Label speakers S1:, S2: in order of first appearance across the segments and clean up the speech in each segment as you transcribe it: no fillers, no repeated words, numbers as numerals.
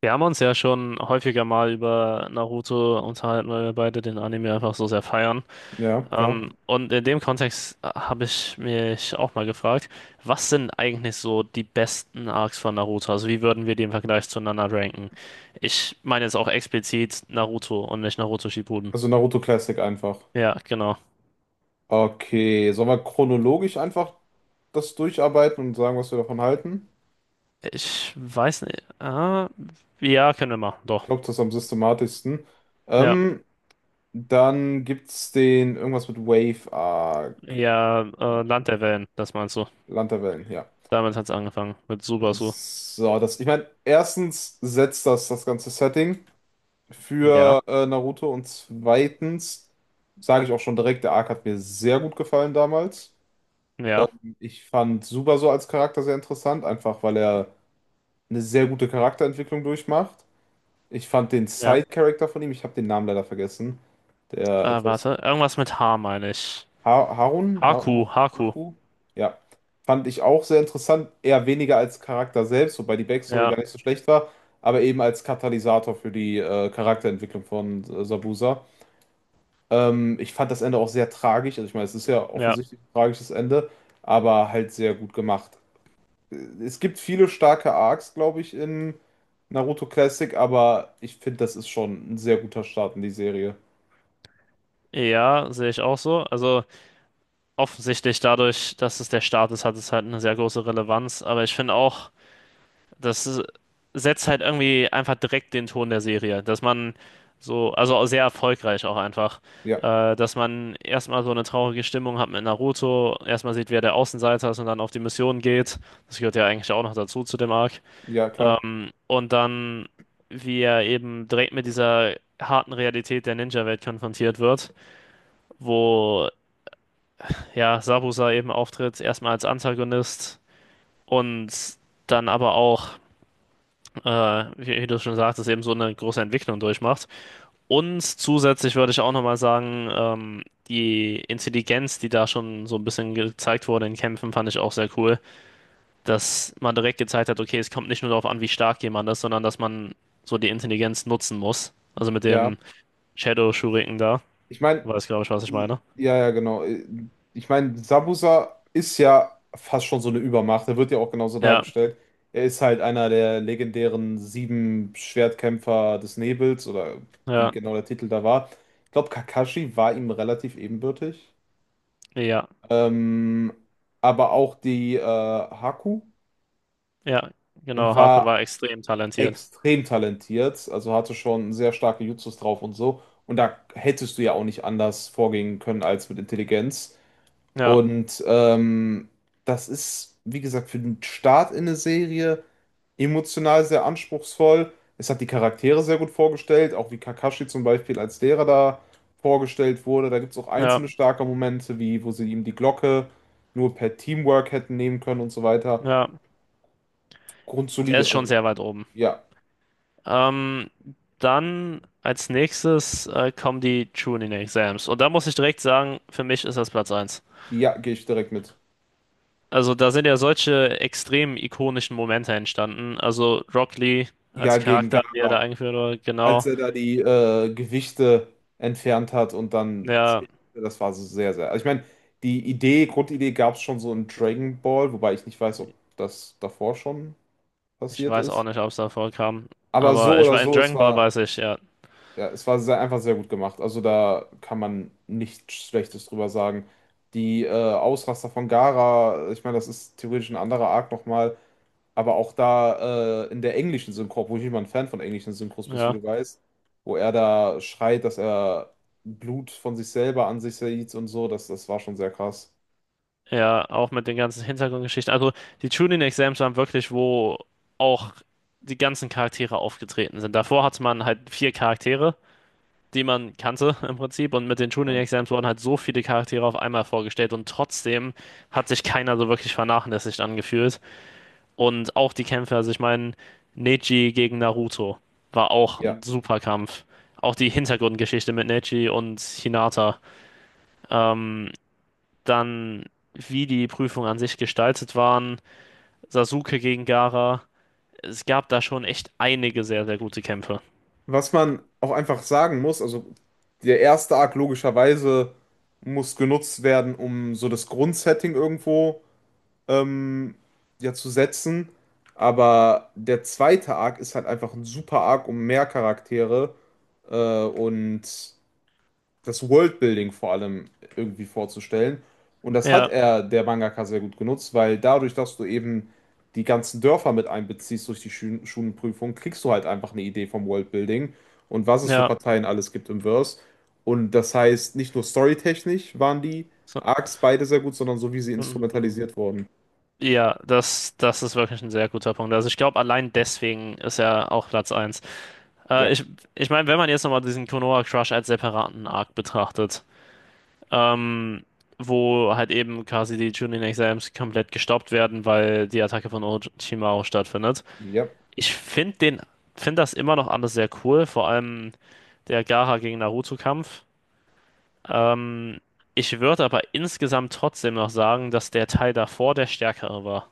S1: Wir haben uns ja schon häufiger mal über Naruto unterhalten, weil wir beide den Anime einfach so sehr feiern.
S2: Ja, klar.
S1: Und in dem Kontext habe ich mich auch mal gefragt, was sind eigentlich so die besten Arcs von Naruto? Also wie würden wir die im Vergleich zueinander ranken? Ich meine jetzt auch explizit Naruto und nicht Naruto Shippuden.
S2: Also Naruto Classic einfach.
S1: Ja, genau.
S2: Okay, sollen wir chronologisch einfach das durcharbeiten und sagen, was wir davon halten?
S1: Ich weiß nicht. Ah, ja, können wir machen,
S2: Ich
S1: doch.
S2: glaube, das ist am systematischsten.
S1: Ja,
S2: Ähm, Dann gibt's den irgendwas mit Wave Arc.
S1: ja,
S2: Äh,
S1: Land der Wellen, das meinst du.
S2: Land der Wellen, ja.
S1: Damit hat es angefangen, mit Subasu.
S2: So, das, ich meine, erstens setzt das ganze Setting
S1: Ja,
S2: für Naruto und zweitens sage ich auch schon direkt, der Arc hat mir sehr gut gefallen damals.
S1: ja.
S2: Ich fand Subaso als Charakter sehr interessant, einfach weil er eine sehr gute Charakterentwicklung durchmacht. Ich fand den
S1: Ja.
S2: Side-Character von ihm, ich habe den Namen leider vergessen, der etwas
S1: Warte, irgendwas mit H meine ich.
S2: ha Harun, ha
S1: Haku,
S2: Ha-
S1: Haku.
S2: Haku, ja, fand ich auch sehr interessant, eher weniger als Charakter selbst, wobei die Backstory
S1: Ja,
S2: gar nicht so schlecht war, aber eben als Katalysator für die Charakterentwicklung von Sabusa. Ich fand das Ende auch sehr tragisch, also ich meine, es ist ja
S1: ja.
S2: offensichtlich ein tragisches Ende, aber halt sehr gut gemacht. Äh, Es gibt viele starke Arcs, glaube ich, in Naruto Classic, aber ich finde, das ist schon ein sehr guter Start in die Serie.
S1: Ja, sehe ich auch so. Also offensichtlich dadurch, dass es der Staat ist, hat es halt eine sehr große Relevanz. Aber ich finde auch, das ist- setzt halt irgendwie einfach direkt den Ton der Serie, dass man so, also auch sehr erfolgreich auch einfach,
S2: Ja,
S1: dass man erstmal so eine traurige Stimmung hat mit Naruto, erstmal sieht, wer der Außenseiter ist und dann auf die Mission geht. Das gehört ja eigentlich auch noch dazu zu dem Arc.
S2: ja, klar.
S1: Und dann, wie er eben direkt mit dieser harten Realität der Ninja-Welt konfrontiert wird, wo ja Sabusa eben auftritt, erstmal als Antagonist und dann aber auch, wie du schon sagtest, eben so eine große Entwicklung durchmacht. Und zusätzlich würde ich auch nochmal sagen, die Intelligenz, die da schon so ein bisschen gezeigt wurde in Kämpfen, fand ich auch sehr cool. Dass man direkt gezeigt hat, okay, es kommt nicht nur darauf an, wie stark jemand ist, sondern dass man so die Intelligenz nutzen muss. Also mit
S2: Ja,
S1: dem Shadow Shuriken da,
S2: ich meine,
S1: weiß glaube ich, was ich meine.
S2: ja, ja, genau. Ich meine, Zabuza ist ja fast schon so eine Übermacht. Er wird ja auch genauso
S1: Ja,
S2: dargestellt. Er ist halt einer der legendären sieben Schwertkämpfer des Nebels oder wie
S1: ja,
S2: genau der Titel da war. Ich glaube, Kakashi war ihm relativ ebenbürtig.
S1: ja,
S2: Ähm, aber auch die Haku
S1: ja, genau, Haku
S2: war
S1: war extrem talentiert.
S2: extrem talentiert, also hatte schon sehr starke Jutsus drauf und so. Und da hättest du ja auch nicht anders vorgehen können als mit Intelligenz.
S1: Ja,
S2: Und das ist, wie gesagt, für den Start in eine Serie emotional sehr anspruchsvoll. Es hat die Charaktere sehr gut vorgestellt, auch wie Kakashi zum Beispiel als Lehrer da vorgestellt wurde. Da gibt es auch
S1: ja,
S2: einzelne starke Momente, wie wo sie ihm die Glocke nur per Teamwork hätten nehmen können und so weiter.
S1: ja, der
S2: Grundsolide,
S1: ist schon
S2: also
S1: sehr weit oben.
S2: ja,
S1: Ähm, Dann als nächstes kommen die Chunin Exams. Und da muss ich direkt sagen, für mich ist das Platz eins.
S2: ja, gehe ich direkt mit.
S1: Also da sind ja solche extrem ikonischen Momente entstanden. Also Rock Lee
S2: Ja,
S1: als
S2: gegen
S1: Charakter, wie er
S2: Gaga,
S1: da eingeführt wurde,
S2: als
S1: genau.
S2: er da die Gewichte entfernt hat und dann,
S1: Ja,
S2: das war so sehr, sehr. Also ich meine, die Idee, Grundidee gab es schon so in Dragon Ball, wobei ich nicht weiß, ob das davor schon
S1: ich
S2: passiert
S1: weiß auch
S2: ist.
S1: nicht, ob es da vorkam.
S2: Aber so
S1: Aber ich
S2: oder
S1: war in
S2: so, es
S1: Dragon Ball,
S2: war,
S1: weiß ich, ja.
S2: ja, es war sehr, einfach sehr gut gemacht. Also da kann man nichts Schlechtes drüber sagen. Die Ausraster von Gaara, ich meine, das ist theoretisch ein anderer Arc nochmal. Aber auch da in der englischen Synchro, obwohl ich nicht mal ein Fan von englischen Synchros bist, wie
S1: Ja,
S2: du weißt, wo er da schreit, dass er Blut von sich selber an sich sieht und so, das, das war schon sehr krass.
S1: ja, auch mit den ganzen Hintergrundgeschichten. Also die Chunin Exams waren wirklich, wo auch die ganzen Charaktere aufgetreten sind. Davor hatte man halt vier Charaktere, die man kannte im Prinzip. Und mit den Chunin
S2: Ja.
S1: Exams wurden halt so viele Charaktere auf einmal vorgestellt. Und trotzdem hat sich keiner so wirklich vernachlässigt angefühlt. Und auch die Kämpfe, also ich meine, Neji gegen Naruto war auch
S2: Ja.
S1: ein super Kampf. Auch die Hintergrundgeschichte mit Neji und Hinata. Ähm, dann, wie die Prüfungen an sich gestaltet waren. Sasuke gegen Gaara. Es gab da schon echt einige sehr, sehr gute Kämpfe.
S2: Was man auch einfach sagen muss, also der erste Arc logischerweise muss genutzt werden, um so das Grundsetting irgendwo ähm, ja zu setzen. Aber der zweite Arc ist halt einfach ein super Arc, um mehr Charaktere und das Worldbuilding vor allem irgendwie vorzustellen. Und das hat
S1: Ja,
S2: er, der Mangaka, sehr gut genutzt, weil dadurch, dass du eben die ganzen Dörfer mit einbeziehst durch die Schulenprüfung, kriegst du halt einfach eine Idee vom Worldbuilding und was es für
S1: ja.
S2: Parteien alles gibt im Verse. Und das heißt, nicht nur storytechnisch waren die
S1: So,
S2: Arcs beide sehr gut, sondern so wie sie
S1: mm,
S2: instrumentalisiert wurden.
S1: ja, das ist wirklich ein sehr guter Punkt. Also ich glaube, allein deswegen ist er auch Platz eins. Äh,
S2: Ja,
S1: ich ich meine, wenn man jetzt nochmal diesen Konoha Crush als separaten Arc betrachtet, ähm, wo halt eben quasi die Chunin Exams komplett gestoppt werden, weil die Attacke von Orochimaru stattfindet.
S2: ja.
S1: Ich finde den, finde das immer noch alles sehr cool, vor allem der Gaara gegen Naruto-Kampf. Ähm, Ich würde aber insgesamt trotzdem noch sagen, dass der Teil davor der stärkere war.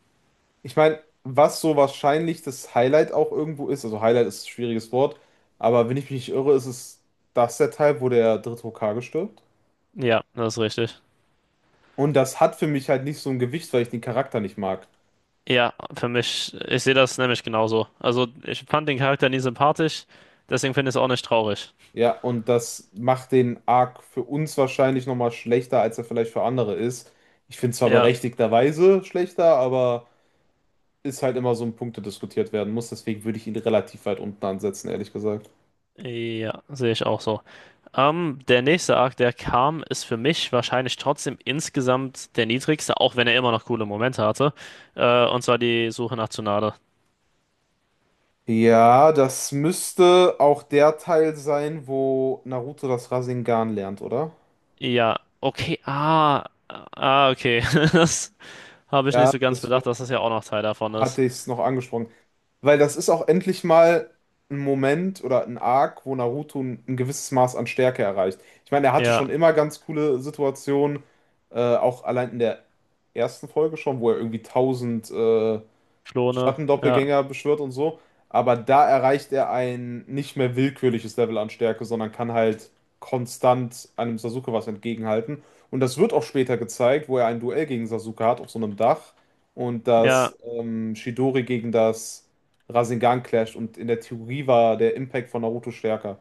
S2: Ich meine, was so wahrscheinlich das Highlight auch irgendwo ist, also Highlight ist ein schwieriges Wort, aber wenn ich mich nicht irre, ist es das der Teil, wo der dritte Hokage stirbt.
S1: Ja, das ist richtig.
S2: Und das hat für mich halt nicht so ein Gewicht, weil ich den Charakter nicht mag.
S1: Ja, für mich, ich sehe das nämlich genauso. Also, ich fand den Charakter nie sympathisch, deswegen finde ich es auch nicht traurig.
S2: Ja, und das macht den Arc für uns wahrscheinlich nochmal schlechter, als er vielleicht für andere ist. Ich finde zwar
S1: Ja,
S2: berechtigterweise schlechter, aber ist halt immer so ein Punkt, der diskutiert werden muss. Deswegen würde ich ihn relativ weit unten ansetzen, ehrlich gesagt.
S1: ja, sehe ich auch so. Der nächste Arc, der kam, ist für mich wahrscheinlich trotzdem insgesamt der niedrigste, auch wenn er immer noch coole Momente hatte. Und zwar die Suche nach Tsunade.
S2: Ja, das müsste auch der Teil sein, wo Naruto das Rasengan lernt, oder?
S1: Ja, okay, ah, ah, okay. Das habe ich nicht
S2: Ja,
S1: so ganz bedacht,
S2: deswegen
S1: dass das ja auch noch Teil davon ist.
S2: hatte ich es noch angesprochen. Weil das ist auch endlich mal ein Moment oder ein Arc, wo Naruto ein gewisses Maß an Stärke erreicht. Ich meine, er hatte
S1: Ja,
S2: schon immer ganz coole Situationen, auch allein in der ersten Folge schon, wo er irgendwie 1000
S1: Klone, ja,
S2: Schattendoppelgänger beschwört und so. Aber da erreicht er ein nicht mehr willkürliches Level an Stärke, sondern kann halt konstant einem Sasuke was entgegenhalten. Und das wird auch später gezeigt, wo er ein Duell gegen Sasuke hat auf so einem Dach und
S1: ja,
S2: das Chidori gegen das Rasengan clasht. Und in der Theorie war der Impact von Naruto stärker.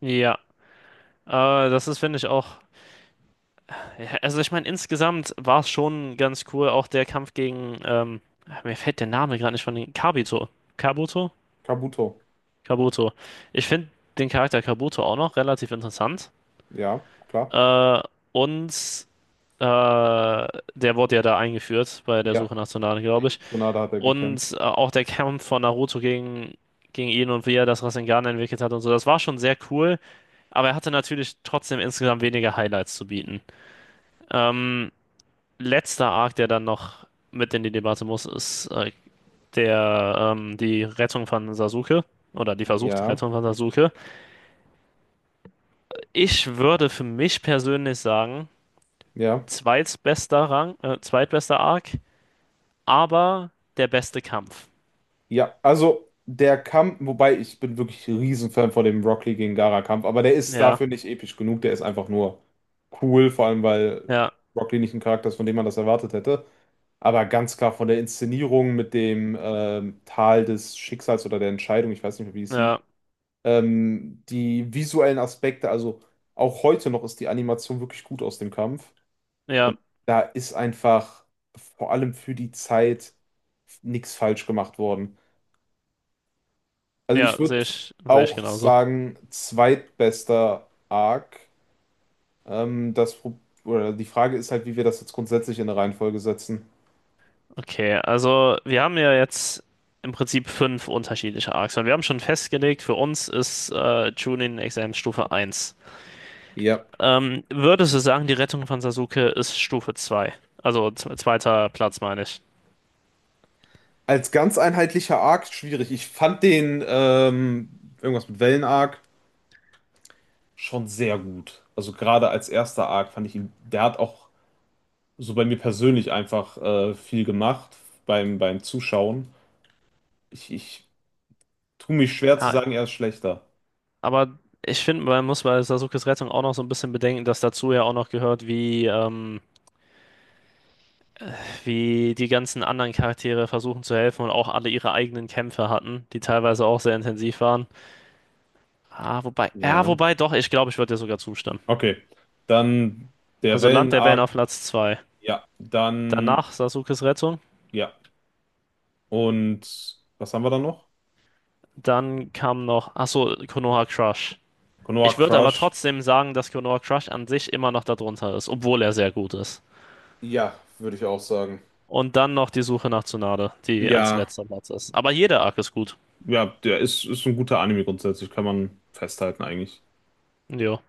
S1: ja. Das ist, finde ich, auch. Ja, also, ich meine, insgesamt war es schon ganz cool, auch der Kampf gegen, mir fällt der Name gerade nicht von den Kabuto. Kabuto?
S2: Kabuto.
S1: Kabuto. Ich finde den Charakter Kabuto auch noch relativ interessant.
S2: Ja, klar.
S1: Äh, und der wurde ja da eingeführt bei der
S2: Ja.
S1: Suche nach Tsunade, glaube
S2: Gegen
S1: ich.
S2: Tsunade hat er gekämpft.
S1: Und auch der Kampf von Naruto gegen ihn und wie er das Rasengan entwickelt hat und so, das war schon sehr cool. Aber er hatte natürlich trotzdem insgesamt weniger Highlights zu bieten. Ähm, Letzter Arc, der dann noch mit in die Debatte muss, ist die Rettung von Sasuke. Oder die versuchte
S2: Ja,
S1: Rettung von Sasuke. Ich würde für mich persönlich sagen,
S2: ja.
S1: zweitbester Arc, aber der beste Kampf.
S2: Ja, also der Kampf, wobei ich bin wirklich Riesenfan von dem Rock Lee gegen Gaara-Kampf, aber der ist
S1: Ja,
S2: dafür nicht episch genug, der ist einfach nur cool, vor allem weil
S1: ja,
S2: Rock Lee nicht ein Charakter ist, von dem man das erwartet hätte. Aber ganz klar von der Inszenierung mit dem Tal des Schicksals oder der Entscheidung, ich weiß nicht mehr, wie es hieß,
S1: ja,
S2: die visuellen Aspekte, also auch heute noch ist die Animation wirklich gut aus dem Kampf.
S1: ja,
S2: Da ist einfach vor allem für die Zeit nichts falsch gemacht worden. Also ich
S1: ja,
S2: würde
S1: sehe ich
S2: auch
S1: genauso.
S2: sagen, zweitbester Arc. Das, oder die Frage ist halt, wie wir das jetzt grundsätzlich in eine Reihenfolge setzen.
S1: Okay, also wir haben ja jetzt im Prinzip fünf unterschiedliche Arcs und wir haben schon festgelegt, für uns ist Chunin Examen Stufe eins.
S2: Ja.
S1: Würdest du sagen, die Rettung von Sasuke ist Stufe 2? Zweiter Platz meine ich.
S2: Als ganz einheitlicher Arc schwierig. Ich fand den irgendwas mit Wellen-Arc schon sehr gut. Also gerade als erster Arc fand ich ihn, der hat auch so bei mir persönlich einfach viel gemacht beim, beim Zuschauen. Ich tue mich schwer zu
S1: Ah,
S2: sagen, er ist schlechter.
S1: aber ich finde, man muss bei Sasukes Rettung auch noch so ein bisschen bedenken, dass dazu ja auch noch gehört, wie, wie die ganzen anderen Charaktere versuchen zu helfen und auch alle ihre eigenen Kämpfe hatten, die teilweise auch sehr intensiv waren. Ah, wobei, ja,
S2: Ja.
S1: wobei doch, ich glaube, ich würde dir sogar zustimmen.
S2: Okay, dann der
S1: Also Land der Wellen
S2: Wellen-Arc.
S1: auf Platz 2.
S2: Ja, dann,
S1: Danach Sasukes Rettung.
S2: ja. Und was haben wir da noch?
S1: Dann kam noch, ach so, Konoha Crush.
S2: Konoha
S1: Ich würde aber
S2: Crush.
S1: trotzdem sagen, dass Konoha Crush an sich immer noch darunter ist, obwohl er sehr gut ist.
S2: Ja, würde ich auch sagen.
S1: Und dann noch die Suche nach Tsunade, die als
S2: Ja,
S1: letzter Platz ist. Aber jeder Arc ist gut.
S2: ja, der ist, ist ein guter Anime grundsätzlich, kann man festhalten eigentlich.
S1: Jo.